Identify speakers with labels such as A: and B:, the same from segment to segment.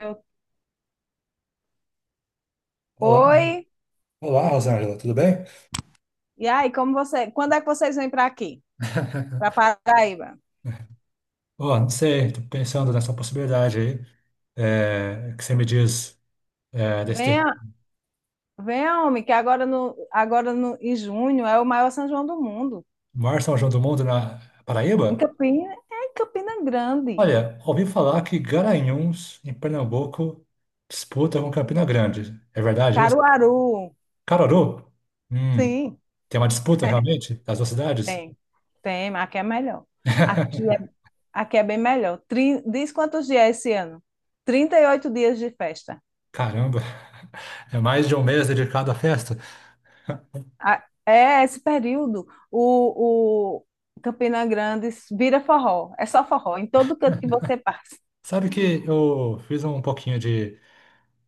A: Eu-
B: Olá,
A: Oi,
B: olá, Rosângela, tudo bem?
A: e aí, como você, quando é que vocês vêm para aqui, para Paraíba?
B: Ó, não sei, tô pensando nessa possibilidade aí, que você me diz, é, desse ter-
A: Venha, venha, homem, que agora no, em junho é o maior São João do mundo.
B: maior São João do mundo na Paraíba.
A: É em Campina Grande,
B: Olha, ouvi falar que Garanhuns, em Pernambuco, disputa com Campina Grande. É verdade isso?
A: Caruaru.
B: Caruaru? Hum,
A: Sim,
B: tem uma disputa realmente das duas cidades?
A: tem, tem, mas aqui é melhor. Aqui é, aqui é bem melhor. Diz quantos dias é esse ano? 38 dias de festa.
B: Caramba, é mais de um mês dedicado à festa.
A: É esse período, o Campina Grande vira forró, é só forró, em todo canto que você passa.
B: Sabe que eu fiz um pouquinho de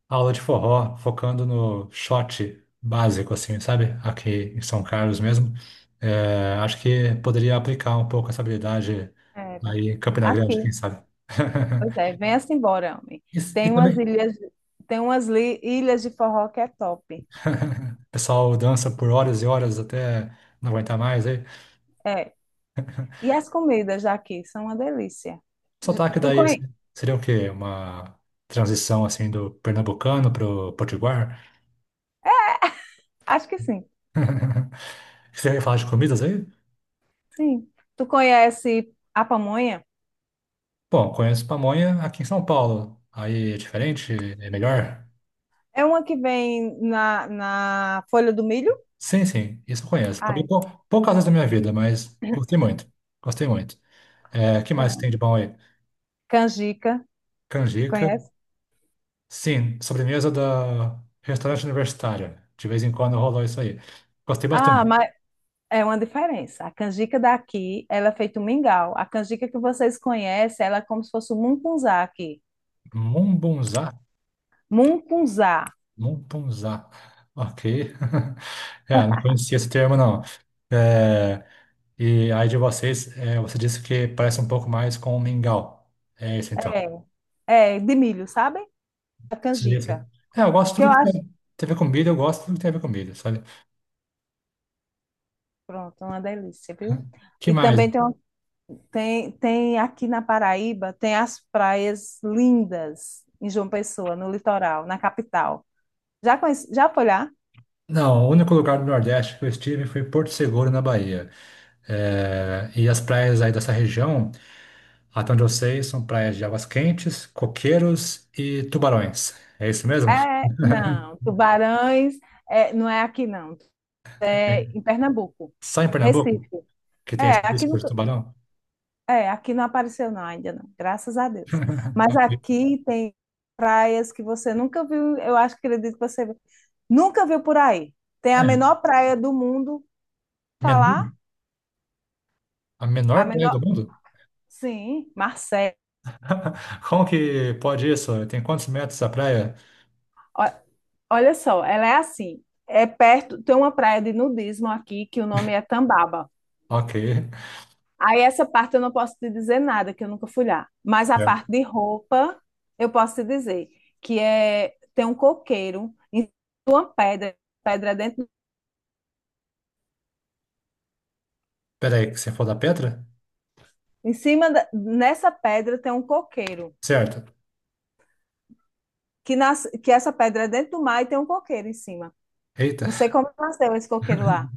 B: aula de forró, focando no shot básico, assim, sabe? Aqui em São Carlos mesmo. É, acho que poderia aplicar um pouco essa habilidade
A: Era.
B: aí em Campina Grande,
A: Aqui.
B: quem sabe?
A: Pois é, venha-se embora, homem.
B: E, e
A: Tem umas
B: também,
A: ilhas, tem umas li- ilhas de forró que é top.
B: o pessoal dança por horas e horas até não aguentar mais aí.
A: É. E as comidas daqui são uma delícia. J-
B: Sotaque
A: Tu
B: daí
A: conhe...
B: seria o quê? Uma transição assim do pernambucano pro potiguar?
A: Acho que sim.
B: Você ia falar de comidas aí?
A: Sim. Tu conhece a pamonha?
B: Bom, conheço pamonha aqui em São Paulo. Aí é diferente? É melhor?
A: É uma que vem na folha do milho?
B: Sim, sim, isso eu conheço. Comi
A: Ai,
B: poucas vezes da minha vida, mas gostei muito. Gostei muito. É, que mais tem de
A: pronto.
B: bom aí?
A: Canjica, tu
B: Canjica.
A: conhece?
B: Sim, sobremesa da restaurante universitário. De vez em quando rolou isso aí. Gostei
A: Ah,
B: bastante.
A: é uma diferença. A canjica daqui, ela é feita um mingau. A canjica que vocês conhecem, ela é como se fosse um mungunzá aqui.
B: Mumbunzá?
A: Mungunzá.
B: Mumbunzá. Ok. É, não conhecia esse termo, não. É, e aí de vocês, você disse que parece um pouco mais com mingau. É isso, então.
A: É, é de milho, sabe? A
B: Seria isso.
A: canjica.
B: É, eu gosto
A: Que
B: de
A: eu
B: tudo que
A: acho,
B: tem a ver com comida, eu gosto de tudo que tem a ver com comida, sabe?
A: pronto, uma delícia, viu?
B: Que
A: E
B: mais?
A: também tem, tem aqui na Paraíba, tem as praias lindas em João Pessoa, no litoral, na capital. Já conhece, já foi lá?
B: Não, o único lugar do Nordeste que eu estive foi Porto Seguro, na Bahia. É, e as praias aí dessa região, até onde eu sei, são praias de águas quentes, coqueiros e tubarões. É isso mesmo?
A: Não, tubarões, é, não é aqui não,
B: É.
A: é em Pernambuco,
B: Só em Pernambuco
A: Recife.
B: que tem esse
A: É, aqui
B: risco
A: no
B: de tubarão?
A: É, aqui não apareceu não, ainda não, graças a Deus. Mas aqui tem praias que você nunca viu, eu acho que ele disse que você viu- nunca viu por aí. Tem a
B: É,
A: menor praia do mundo, falar,
B: menor, a
A: a
B: menor praia
A: menor,
B: do mundo?
A: sim, Marcela.
B: Como que pode isso? Tem quantos metros a praia?
A: Ó, olha só, ela é assim, é perto, tem uma praia de nudismo aqui que o nome é Tambaba.
B: Ok.
A: Aí essa parte eu não posso te dizer nada, que eu nunca fui lá. Mas a
B: Certo.
A: parte de roupa, eu posso te dizer, que é, tem um coqueiro em uma pedra, pedra dentro.
B: Peraí, que você for da Petra?
A: Nessa pedra tem um coqueiro,
B: Certo.
A: que, nas, que essa pedra é dentro do mar e tem um coqueiro em cima.
B: Eita.
A: Não sei como nasceu esse coqueiro lá.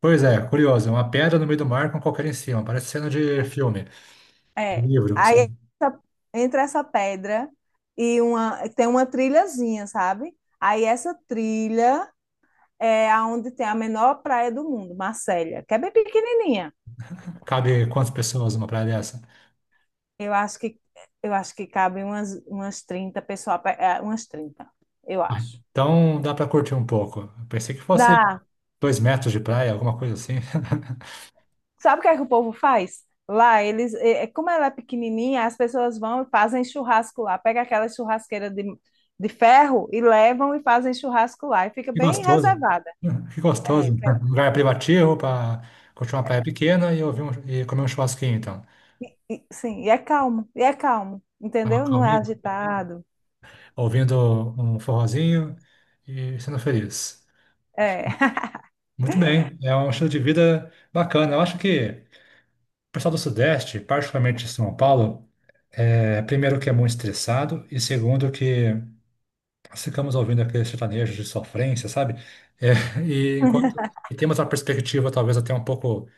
B: Pois é, curioso. É uma pedra no meio do mar com qualquer em cima. Parece cena de filme, de
A: É.
B: livro, sabe?
A: Essa- Entre essa pedra e uma tem uma trilhazinha, sabe? Aí essa trilha é aonde tem a menor praia do mundo, Marcélia, que é bem pequenininha.
B: Cabe quantas pessoas numa praia dessa?
A: Eu acho que eu acho que cabe umas 30 pessoas, a pé, é, umas 30, eu
B: Ah,
A: acho.
B: então dá para curtir um pouco. Eu pensei que fosse
A: Dá,
B: dois metros de praia, alguma coisa assim.
A: sabe o que é que o povo faz? Lá, eles, é, como ela é pequenininha, as pessoas vão e fazem churrasco lá. Pega aquela churrasqueira de ferro e levam e fazem churrasco lá. E fica
B: Que
A: bem
B: gostoso.
A: reservada.
B: Que
A: É,
B: gostoso. Um lugar privativo para curtir uma praia pequena e, e comer um churrasquinho, então.
A: sim, e é calmo,
B: Tava
A: entendeu? Não é
B: calminho,
A: agitado.
B: ouvindo um forrozinho e sendo feliz.
A: É,
B: Muito bem, é um estilo de vida bacana. Eu acho que o pessoal do Sudeste, particularmente de São Paulo, primeiro que é muito estressado e segundo que nós ficamos ouvindo aquele sertanejo de sofrência, sabe? É, e enquanto e temos uma perspectiva talvez até um pouco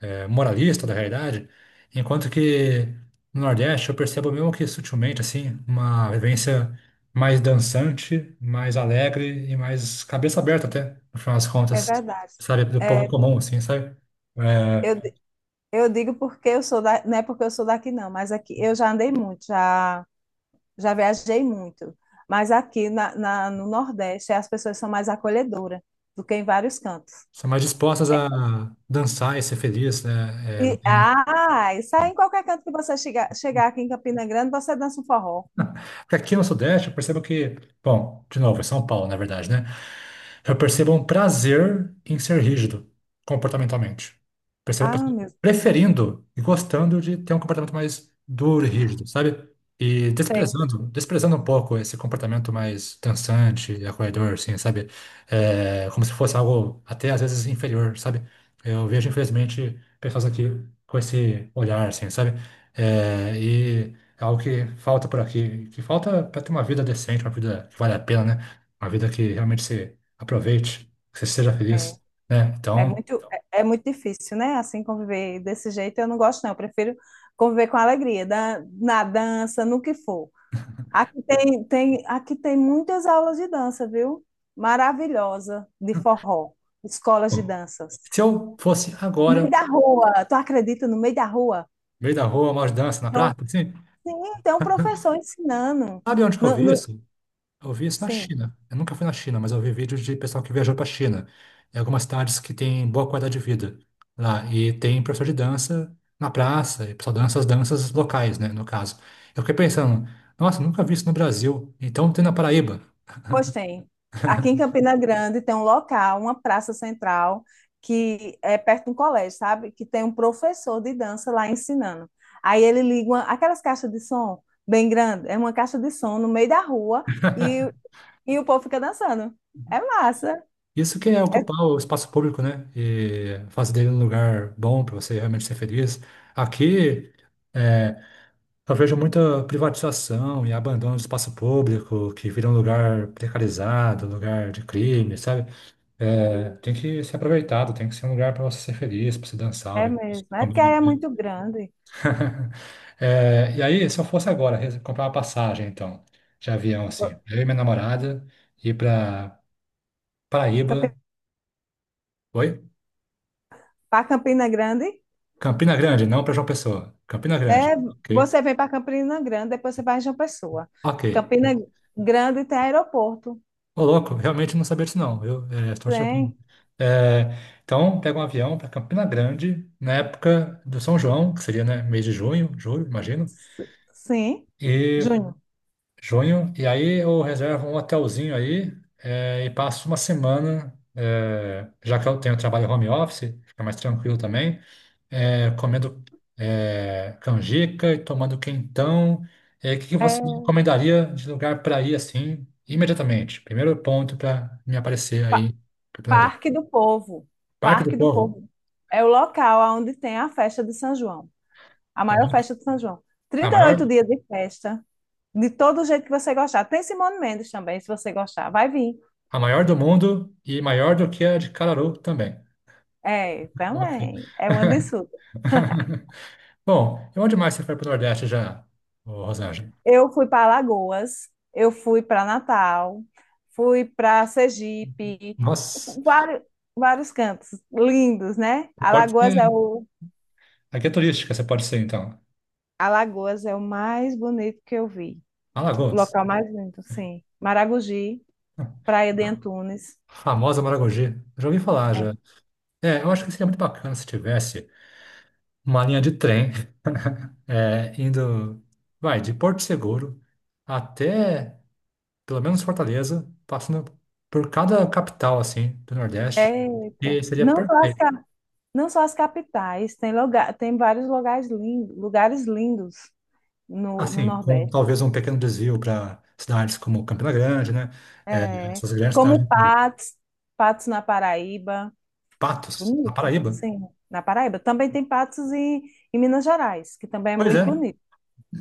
B: moralista da realidade, enquanto que no Nordeste eu percebo mesmo que sutilmente assim uma vivência mais dançante, mais alegre e mais cabeça aberta até, no final das
A: é
B: contas,
A: verdade.
B: sabe, do povo
A: É,
B: comum assim, sabe? É,
A: eu, eu digo porque eu sou da, não é porque eu sou daqui, não, mas aqui eu já andei muito, já. Já viajei muito, mas aqui no Nordeste as pessoas são mais acolhedoras do que em vários cantos.
B: são mais dispostas a dançar e ser feliz, né?
A: E, ah, isso aí em qualquer canto que você chegar, chegar aqui em Campina Grande, você dança um forró.
B: Porque aqui no Sudeste eu percebo que, bom, de novo, é São Paulo, na verdade, né? Eu percebo um prazer em ser rígido comportamentalmente. Percebo
A: Ah,
B: pessoas
A: meu Deus.
B: preferindo e gostando de ter um comportamento mais duro e rígido, sabe? E
A: Sim.
B: desprezando, desprezando um pouco esse comportamento mais dançante e acolhedor, assim, sabe? É, como se fosse algo até às vezes inferior, sabe? Eu vejo, infelizmente, pessoas aqui com esse olhar, assim, sabe? É, e é algo que falta por aqui, que falta para ter uma vida decente, uma vida que vale a pena, né? Uma vida que realmente você aproveite, que você seja
A: é,
B: feliz, né?
A: é
B: Então,
A: muito, é muito difícil, né? Assim, conviver desse jeito, eu não gosto, não. Eu prefiro conviver com alegria, na dança, no que for. Aqui tem muitas aulas de dança, viu? Maravilhosa, de forró, escolas de
B: bom,
A: danças.
B: se eu fosse
A: No
B: agora,
A: meio
B: no
A: da rua, tu acredita, no meio da rua?
B: meio da rua, uma dança na
A: Então,
B: praça, assim,
A: sim, tem um professor ensinando.
B: sabe onde que eu
A: No,
B: vi
A: no-
B: isso? Eu vi isso na
A: sim,
B: China. Eu nunca fui na China, mas eu vi vídeos de pessoal que viajou para a China, em algumas cidades que têm boa qualidade de vida lá, e tem professor de dança na praça, e pessoal dança as danças locais, né? No caso. Eu fiquei pensando, nossa, nunca vi isso no Brasil. Então tem na Paraíba.
A: pois tem. Aqui em Campina Grande tem um local, uma praça central, que é perto de um colégio, sabe? Que tem um professor de dança lá ensinando. Aí ele liga aquelas caixas de som bem grande, é uma caixa de som no meio da rua e, e o povo fica dançando. É massa.
B: Isso que é
A: É
B: ocupar o espaço público, né? E fazer dele um lugar bom para você realmente ser feliz. Aqui, é, eu vejo muita privatização e abandono do espaço público, que vira um lugar precarizado, um lugar de crime, sabe? É, tem que ser aproveitado, tem que ser um lugar para você ser feliz, para você dançar,
A: É
B: ouvir música,
A: mesmo. É porque
B: comer,
A: aí é
B: beber.
A: muito grande.
B: É, e aí, se eu fosse agora comprar uma passagem, então, de avião, assim, eu e minha namorada, ir para Paraíba. Oi?
A: Para Campina Grande,
B: Campina Grande, não para João Pessoa. Campina Grande. Ok.
A: você vem para Campina Grande, depois você vai em João Pessoa.
B: Ok.
A: Campina Grande tem aeroporto.
B: Ô, louco, realmente não sabia disso, não. Eu estou chocado.
A: Tem.
B: É, então, pega um avião para Campina Grande, na época do São João, que seria, né, mês de junho, julho, imagino.
A: Sim,
B: E
A: Júnior.
B: junho, e aí eu reservo um hotelzinho aí e passo uma semana, já que eu tenho trabalho home office, fica mais tranquilo também. Comendo canjica e tomando quentão. É, o que que você
A: É
B: me recomendaria de lugar para ir assim, imediatamente? Primeiro ponto para me aparecer
A: Pa-
B: aí pra planejar.
A: Parque do Povo.
B: Parque do
A: Parque do
B: Povo,
A: Povo. É o local onde tem a festa de São João. A
B: a
A: maior
B: ma-
A: festa de São João.
B: a maior,
A: 38 dias de festa. De todo jeito que você gostar. Tem Simone Mendes também, se você gostar. Vai vir.
B: a maior do mundo e maior do que a de Cararu também.
A: É,
B: Ok.
A: também. É uma disso.
B: Bom, e onde mais você foi para o Nordeste já, ô Rosângela?
A: Eu fui para Alagoas, eu fui para Natal, fui para Sergipe,
B: Nossa,
A: fu- vários, vários cantos lindos, né?
B: você pode ser. Aqui é turística, você pode ser então.
A: Alagoas é o mais bonito que eu vi, o
B: Alagoas,
A: local mais lindo, sim. Maragogi, Praia de Antunes.
B: famosa Maragogi. Já ouvi falar
A: É.
B: já. É, eu acho que seria muito bacana se tivesse uma linha de trem indo, vai, de Porto Seguro até pelo menos Fortaleza, passando por cada capital, assim, do Nordeste,
A: Eita,
B: e seria perfeito.
A: não só as capitais, tem lugar, tem vários lugares lindos no
B: Assim, com
A: Nordeste.
B: talvez um pequeno desvio para cidades como Campina Grande, né? É,
A: É,
B: essas grandes cidades, do
A: como
B: interior.
A: Patos, Patos na Paraíba.
B: Patos, na
A: Bonito,
B: Paraíba.
A: sim. Na Paraíba. Também tem patos em Minas Gerais, que também é
B: Pois
A: muito
B: é,
A: bonito.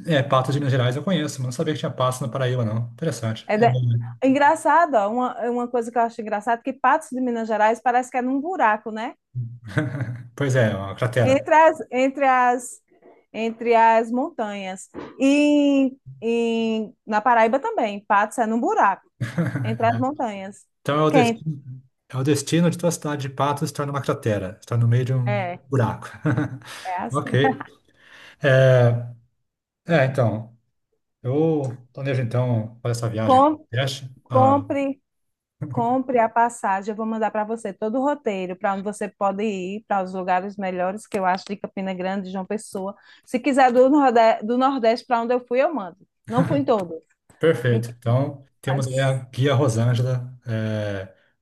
B: é, Patos de Minas Gerais eu conheço, mas não sabia que tinha Patos na Paraíba, não. Interessante.
A: É
B: É,
A: da- Engraçado, ó, uma coisa que eu acho engraçado, é que patos de Minas Gerais parece que é num buraco, né?
B: pois é, uma cratera.
A: Entre as, entre as, entre as montanhas. E na Paraíba também, patos é num buraco, entre as montanhas.
B: Então
A: Quem?
B: é o destino de tua cidade de Patos estar numa cratera, estar no meio de um
A: É,
B: buraco.
A: é assim.
B: Ok. É, é, então, eu planejo então fazer essa viagem para o
A: Com,
B: Nordeste. Ah,
A: compre. Compre a passagem, eu vou mandar para você todo o roteiro para onde você pode ir, para os lugares melhores que eu acho de Campina Grande, João Pessoa. Se quiser do Nordeste para onde eu fui, eu mando. Não fui em todo,
B: perfeito. Então, temos aí
A: mas
B: a guia Rosângela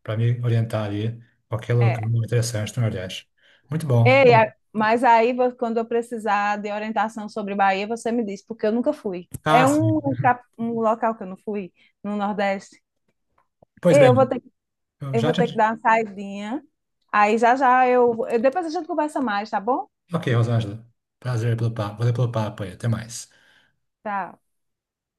B: para me orientar ali qualquer lugar
A: é.
B: interessante no Nordeste. Muito bom.
A: Ei, quando eu precisar de orientação sobre Bahia, você me diz, porque eu nunca fui. É
B: Ah, sim.
A: um, um local que eu não fui no Nordeste.
B: Pois
A: Ei,
B: bem, eu
A: eu
B: já
A: vou ter que
B: te...
A: dar uma saidinha. Aí já já eu depois a gente conversa mais, tá bom?
B: Ok, Rosângela. Prazer pelo papo. Valeu pelo papo aí. Até mais.
A: Tá.